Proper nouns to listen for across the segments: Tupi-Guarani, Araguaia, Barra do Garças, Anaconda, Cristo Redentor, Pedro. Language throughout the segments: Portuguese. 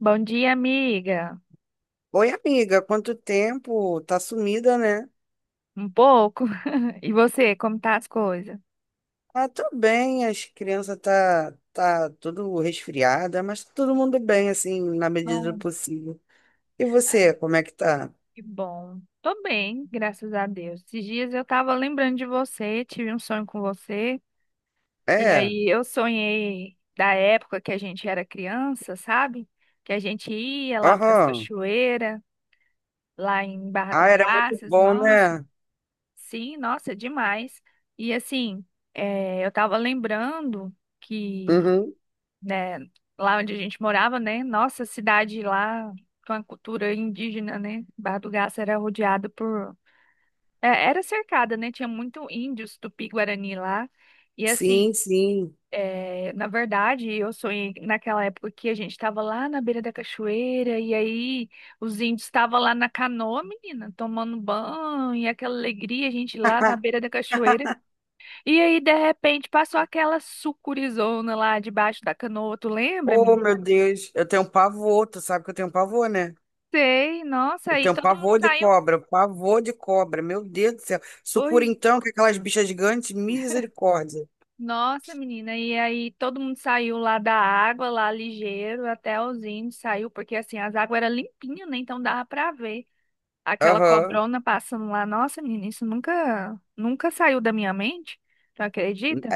Bom dia, amiga. Oi, amiga, quanto tempo? Tá sumida, né? Um pouco. E você, como tá as coisas? Ah, tô bem, as crianças tá tudo resfriada, mas tá todo mundo bem, assim, na medida do Bom. possível. E você, como é que tá? Que bom. Tô bem, graças a Deus. Esses dias eu tava lembrando de você, tive um sonho com você. E É, aí eu sonhei da época que a gente era criança, sabe? Que a gente ia lá para as aham. cachoeiras, lá em Barra do Ah, era muito Garças. bom, Nossa, né? sim, nossa, demais. E assim, eu tava lembrando que, Uhum. né, lá onde a gente morava, né? Nossa, a cidade lá com a cultura indígena, né? Barra do Garça era rodeada por, era cercada, né? Tinha muito índios Tupi-Guarani lá. E assim, Sim, sim. Na verdade, eu sonhei naquela época que a gente estava lá na beira da cachoeira e aí os índios estavam lá na canoa, menina, tomando banho e aquela alegria, a gente lá na beira da cachoeira. E aí, de repente, passou aquela sucurizona lá debaixo da canoa, tu lembra, Oh, menina? meu Deus, eu tenho um pavor, tu sabe que eu tenho um pavor, né? Sei, nossa, Eu e tenho um todo mundo pavor de saiu. cobra, um pavor de cobra, meu Deus do céu. Sucura Pois, então, que aquelas bichas gigantes, misericórdia. nossa, menina, e aí todo mundo saiu lá da água, lá ligeiro, até os índios saiu, porque assim, as águas eram limpinhas, né? Então dava pra ver aquela Aham. cobrona passando lá. Nossa, menina, isso nunca, nunca saiu da minha mente, tu acredita?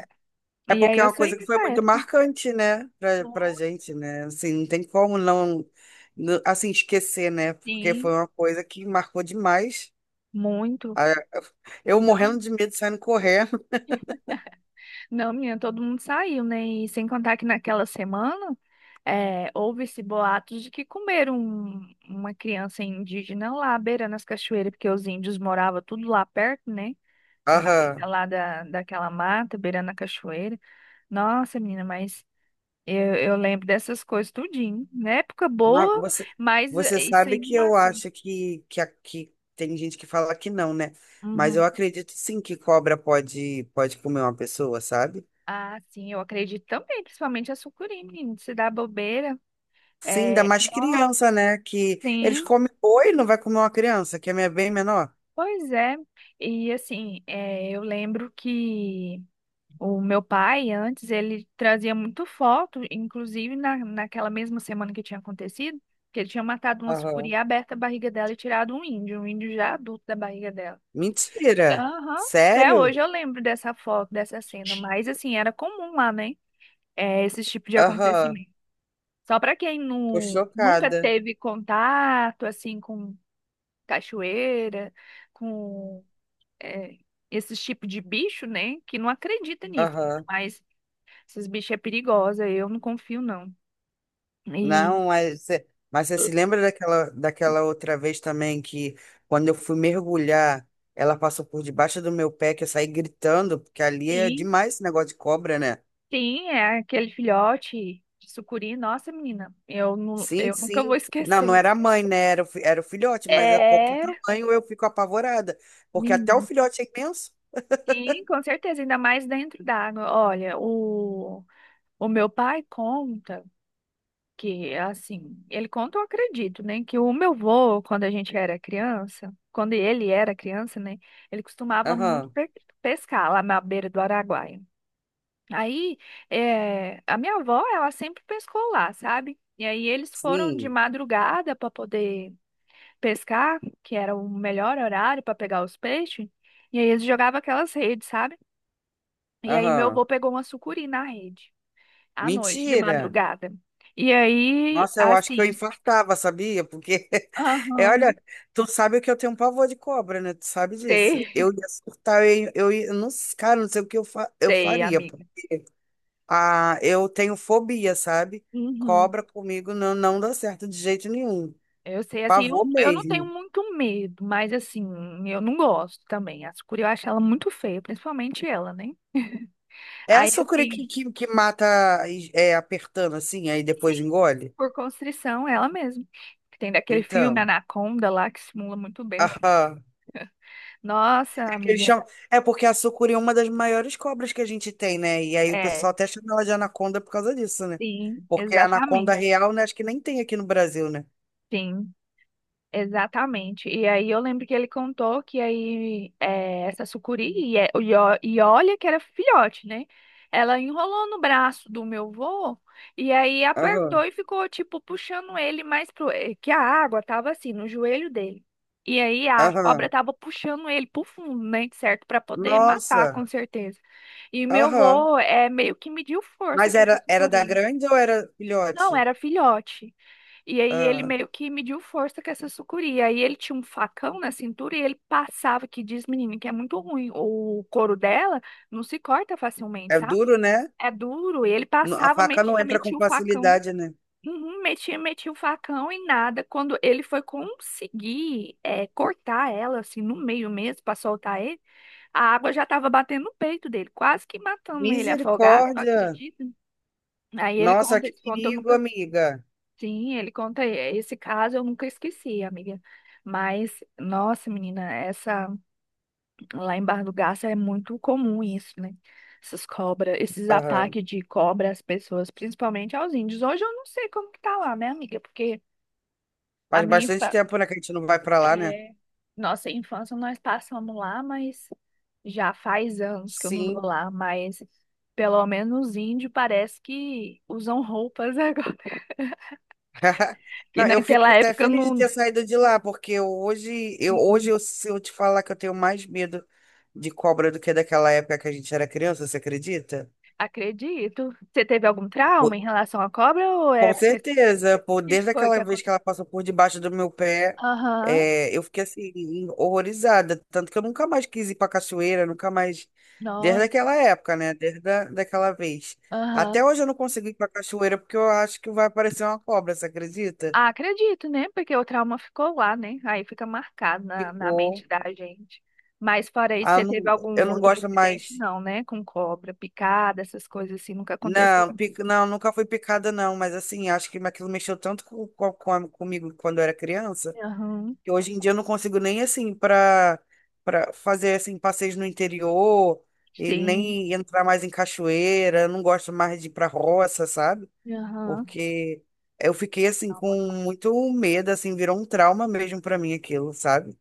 É E aí porque é eu uma saí coisa que foi dessa muito época. marcante, né, pra gente, né? Assim, não tem como assim, esquecer, né? Porque Sim, foi uma coisa que marcou demais. muito. Ah, eu morrendo Não. de medo, saindo correndo. Não, menina, todo mundo saiu, né? E sem contar que naquela semana houve-se boatos de que comeram uma criança indígena lá, beirando as cachoeiras, porque os índios moravam tudo lá perto, né? Na beira Aham. lá daquela mata, beirando a cachoeira. Nossa, menina, mas eu lembro dessas coisas tudinho. Na época Mas boa, você, mas você isso sabe aí me que eu marcou. acho que tem gente que fala que não, né? Mas Uhum. eu acredito sim que cobra pode comer uma pessoa, sabe? Ah, sim, eu acredito também, principalmente a sucuri, menino, se dá bobeira. Sim, ainda É, mais nossa, criança, né? Que eles sim. comem boi, não vai comer uma criança, que é bem menor. Pois é, e assim, eu lembro que o meu pai, antes, ele trazia muito foto, inclusive naquela mesma semana que tinha acontecido, que ele tinha matado uma Aham. sucuri, aberta a barriga dela e tirado um índio já adulto da barriga dela. Mentira! Aham, até Sério? hoje eu lembro dessa foto, dessa cena, mas assim, era comum lá, né? É, esse tipo de Aham, acontecimento. Só para quem tô nunca chocada. teve contato, assim, com cachoeira, com é, esses tipos de bicho, né? Que não acredita nisso. Aham. Mas esses bichos é perigosa, eu não confio, não. E Não, mas você se lembra daquela outra vez também que quando eu fui mergulhar, ela passou por debaixo do meu pé, que eu saí gritando, porque ali é sim, demais esse negócio de cobra, né? sim, é aquele filhote de sucuri, nossa, menina, não, Sim, eu nunca vou sim. Não, não esquecer. era a mãe, né? Era era o filhote, mas a qualquer É, tamanho eu fico apavorada, porque até o menina, filhote é imenso. sim, com certeza, ainda mais dentro d'água. Olha, o meu pai conta. Que, assim, ele conta, eu acredito, né? Que o meu avô, quando a gente era criança, quando ele era criança, né? Ele costumava muito Aham, pescar lá na beira do Araguaia. Aí, a minha avó, ela sempre pescou lá, sabe? E aí eles foram de sim, madrugada para poder pescar, que era o melhor horário para pegar os peixes. E aí eles jogavam aquelas redes, sabe? E aí meu aham. avô pegou uma sucuri na rede, à noite, de Mentira! madrugada. E aí, Nossa, eu acho que eu assim, infartava, sabia? Porque, é, olha, aham. tu sabe que eu tenho um pavor de cobra, né? Tu sabe disso. Sei, Eu ia surtar, eu, ia- Não, cara, não sei o que eu sei, faria, pô. amiga. Ah, eu tenho fobia, sabe? Uhum. Cobra comigo não dá certo de jeito nenhum. Eu sei, assim, eu, Pavor eu não tenho mesmo. muito medo, mas assim, eu não gosto também. A sucuri eu acho ela muito feia, principalmente ela, né? É a Aí, sucuri que, assim, que, que mata é, apertando assim, aí sim, depois engole? por constrição, ela mesma. Tem daquele filme Então, Anaconda lá que simula muito bem o que. aham. Nossa, É que eles amiga. chamam- é porque a sucuri é uma das maiores cobras que a gente tem, né? E aí o É, pessoal até chama ela de anaconda por causa disso, né? sim, Porque a anaconda exatamente. real, né? Acho que nem tem aqui no Brasil, né? Sim. Exatamente. E aí eu lembro que ele contou que aí essa sucuri, e olha que era filhote, né? Ela enrolou no braço do meu vô e aí apertou Aham, e ficou tipo puxando ele mais. Que a água tava assim, no joelho dele. E aí a cobra aham. tava puxando ele pro fundo, né? Certo? Pra poder matar, Nossa, com certeza. E meu aham. vô meio que mediu força Mas com essa era, era da sucuri. grande ou era Não, filhote? era filhote. E aí ele Ah, meio que mediu força com essa sucuri. Aí ele tinha um facão na cintura e ele passava, que diz, menina, que é muito ruim. O couro dela não se corta facilmente, é sabe? duro, né? É duro. E ele A passava, faca não metia, entra com metia o facão. facilidade, né? Uhum, metia o facão e nada. Quando ele foi conseguir cortar ela, assim, no meio mesmo, pra soltar ele, a água já tava batendo no peito dele, quase que matando ele afogado, não Misericórdia! acredita? Aí ele Nossa, conta que esse conto, eu perigo, nunca. amiga. Sim, ele conta esse caso, eu nunca esqueci, amiga. Mas, nossa, menina, essa lá em Barra do Garça é muito comum isso, né? Essas cobras, esses Aham. ataques de cobra às pessoas, principalmente aos índios. Hoje eu não sei como que tá lá, né, amiga? Porque a Faz minha bastante infa... tempo, né, que a gente não vai pra lá, né? é, nossa infância nós passamos lá, mas já faz anos que eu não vou Sim. lá, mas pelo menos os índios parece que usam roupas agora, que Não, eu naquela fico até época feliz de ter não. saído de lá, porque hoje eu, se eu te falar que eu tenho mais medo de cobra do que daquela época que a gente era criança, você acredita? Acredito. Você teve algum Pô, trauma em relação à cobra ou é com porque o certeza, pô, que que desde foi aquela que vez que aconteceu? ela passou por debaixo do meu pé, Aham, é, eu fiquei assim, horrorizada. Tanto que eu nunca mais quis ir pra cachoeira, nunca mais. Desde nossa, aquela época, né? Daquela vez. aham. Até hoje eu não consigo ir pra cachoeira porque eu acho que vai aparecer uma cobra, você acredita? Ah, acredito, né? Porque o trauma ficou lá, né? Aí fica marcado na mente Ficou. da gente. Mas fora isso, você teve Eu algum não outro gosto incidente? mais. Não, né? Com cobra, picada, essas coisas assim, nunca aconteceu Não, contigo. Não, nunca fui picada, não. Mas assim, acho que aquilo mexeu tanto comigo quando eu era criança, Aham, que hoje em dia eu não consigo nem assim para fazer assim passeios no interior e sim. nem entrar mais em cachoeira. Eu não gosto mais de ir pra roça, sabe? Aham. Porque eu fiquei assim com muito medo, assim, virou um trauma mesmo pra mim aquilo, sabe?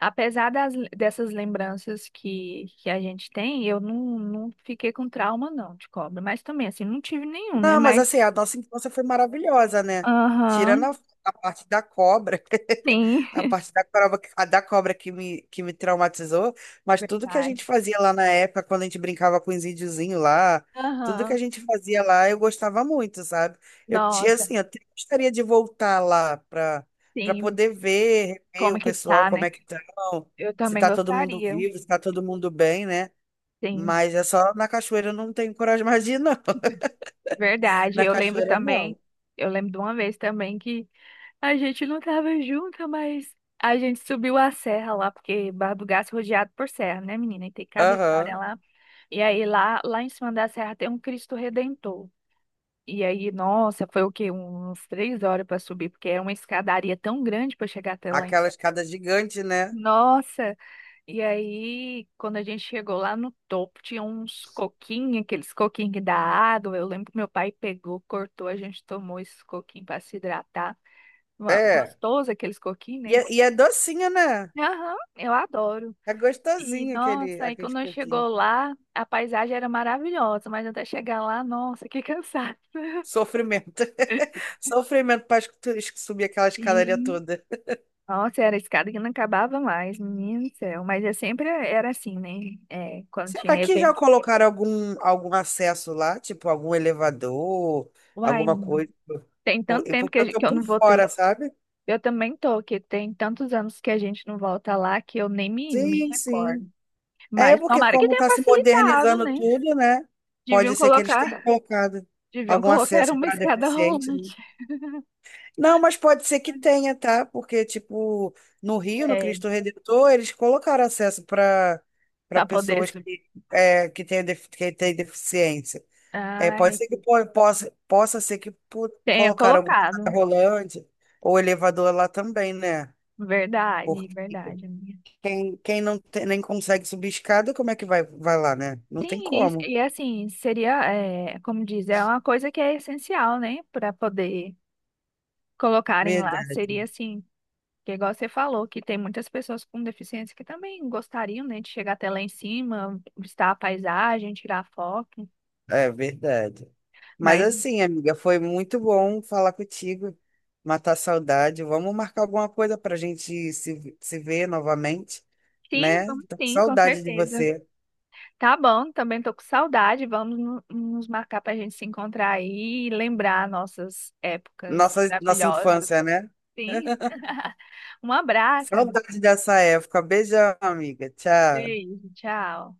Apesar das, dessas lembranças que a gente tem, eu não fiquei com trauma, não, de cobra. Mas também, assim, não tive nenhum, né? Não, mas Mas, assim, a nossa infância foi maravilhosa, né? Tirando aham, a, a parte da cobra, sim. a parte da cobra, a da cobra que me traumatizou, mas tudo que a Verdade. gente fazia lá na época, quando a gente brincava com os índiozinhos lá, tudo que a Aham, gente fazia lá, eu gostava muito, sabe? Eu tinha, nossa, assim, eu até gostaria de voltar lá para sim. poder ver, rever Como o que pessoal, tá, como né? é que estão, Eu se também tá todo mundo gostaria, vivo, se tá todo mundo bem, né? sim. Mas é só na cachoeira eu não tenho coragem mais de ir, não. Verdade. Na Eu lembro cachoeira, também, não. eu lembro de uma vez também que a gente não tava junta, mas a gente subiu a serra lá, porque Barra do Gás é rodeado por serra, né, menina? E tem cada história Aham. lá. E aí lá em cima da serra tem um Cristo Redentor. E aí, nossa, foi o quê? Uns 3 horas para subir, porque é uma escadaria tão grande para chegar até lá em Aquela cima. escada gigante, né? Nossa, e aí quando a gente chegou lá no topo, tinha uns coquinhos, aqueles coquinhos que dá água. Eu lembro que meu pai pegou, cortou, a gente tomou esses coquinhos para se hidratar. É. Gostoso aqueles coquinhos, E né? É docinho, né? Aham, eu adoro. É E gostosinho aquele, nossa, aí aquele quando pouquinho. chegou lá, a paisagem era maravilhosa, mas até chegar lá, nossa, que cansado. Sofrimento. Sofrimento para subir aquela escadaria Sim. toda. Nossa, era escada que não acabava mais, menino do céu. Mas eu sempre era assim, né? É, quando Será tinha que já evento. colocaram algum acesso lá? Tipo, algum elevador, Uai, alguma coisa? tem tanto tempo que, Porque eu tô que eu por não fora, voltei. sabe? Eu também tô, que tem tantos anos que a gente não volta lá que eu nem me Sim, sim. recordo. É Mas porque tomara que como tenha tá se facilitado, modernizando né? tudo, né? Pode Deviam ser que eles colocar, tenham colocado deviam algum colocar acesso uma para escada deficiente, né? rolante. Não, mas pode ser que tenha, tá? Porque, tipo, no Rio, no É, Cristo Redentor, eles colocaram acesso para pra poder pessoas subir. que, é, que têm deficiência. É, pode ser que possa ser que Tenha colocaram algum colocado. cadeira rolante ou elevador lá também, né? Verdade, Porque verdade, amiga. quem nem consegue subir escada, como é que vai lá, né? Não tem Sim, e, como. e assim, seria, como diz, é uma coisa que é essencial, né, para poder colocarem lá. Verdade. Seria assim, que igual você falou, que tem muitas pessoas com deficiência que também gostariam, né, de chegar até lá em cima, visitar a paisagem, tirar foto. É verdade. Mas Mas assim, amiga, foi muito bom falar contigo, matar a saudade. Vamos marcar alguma coisa para a gente se ver novamente, sim, né? vamos Tô com sim, com saudade de certeza. você. Tá bom, também tô com saudade. Vamos nos marcar para a gente se encontrar aí e lembrar nossas épocas Nossa, nossa maravilhosas. infância, né? Sim. Um abraço, amigo. Saudade dessa época. Beijão, amiga. Tchau. Beijo, tchau.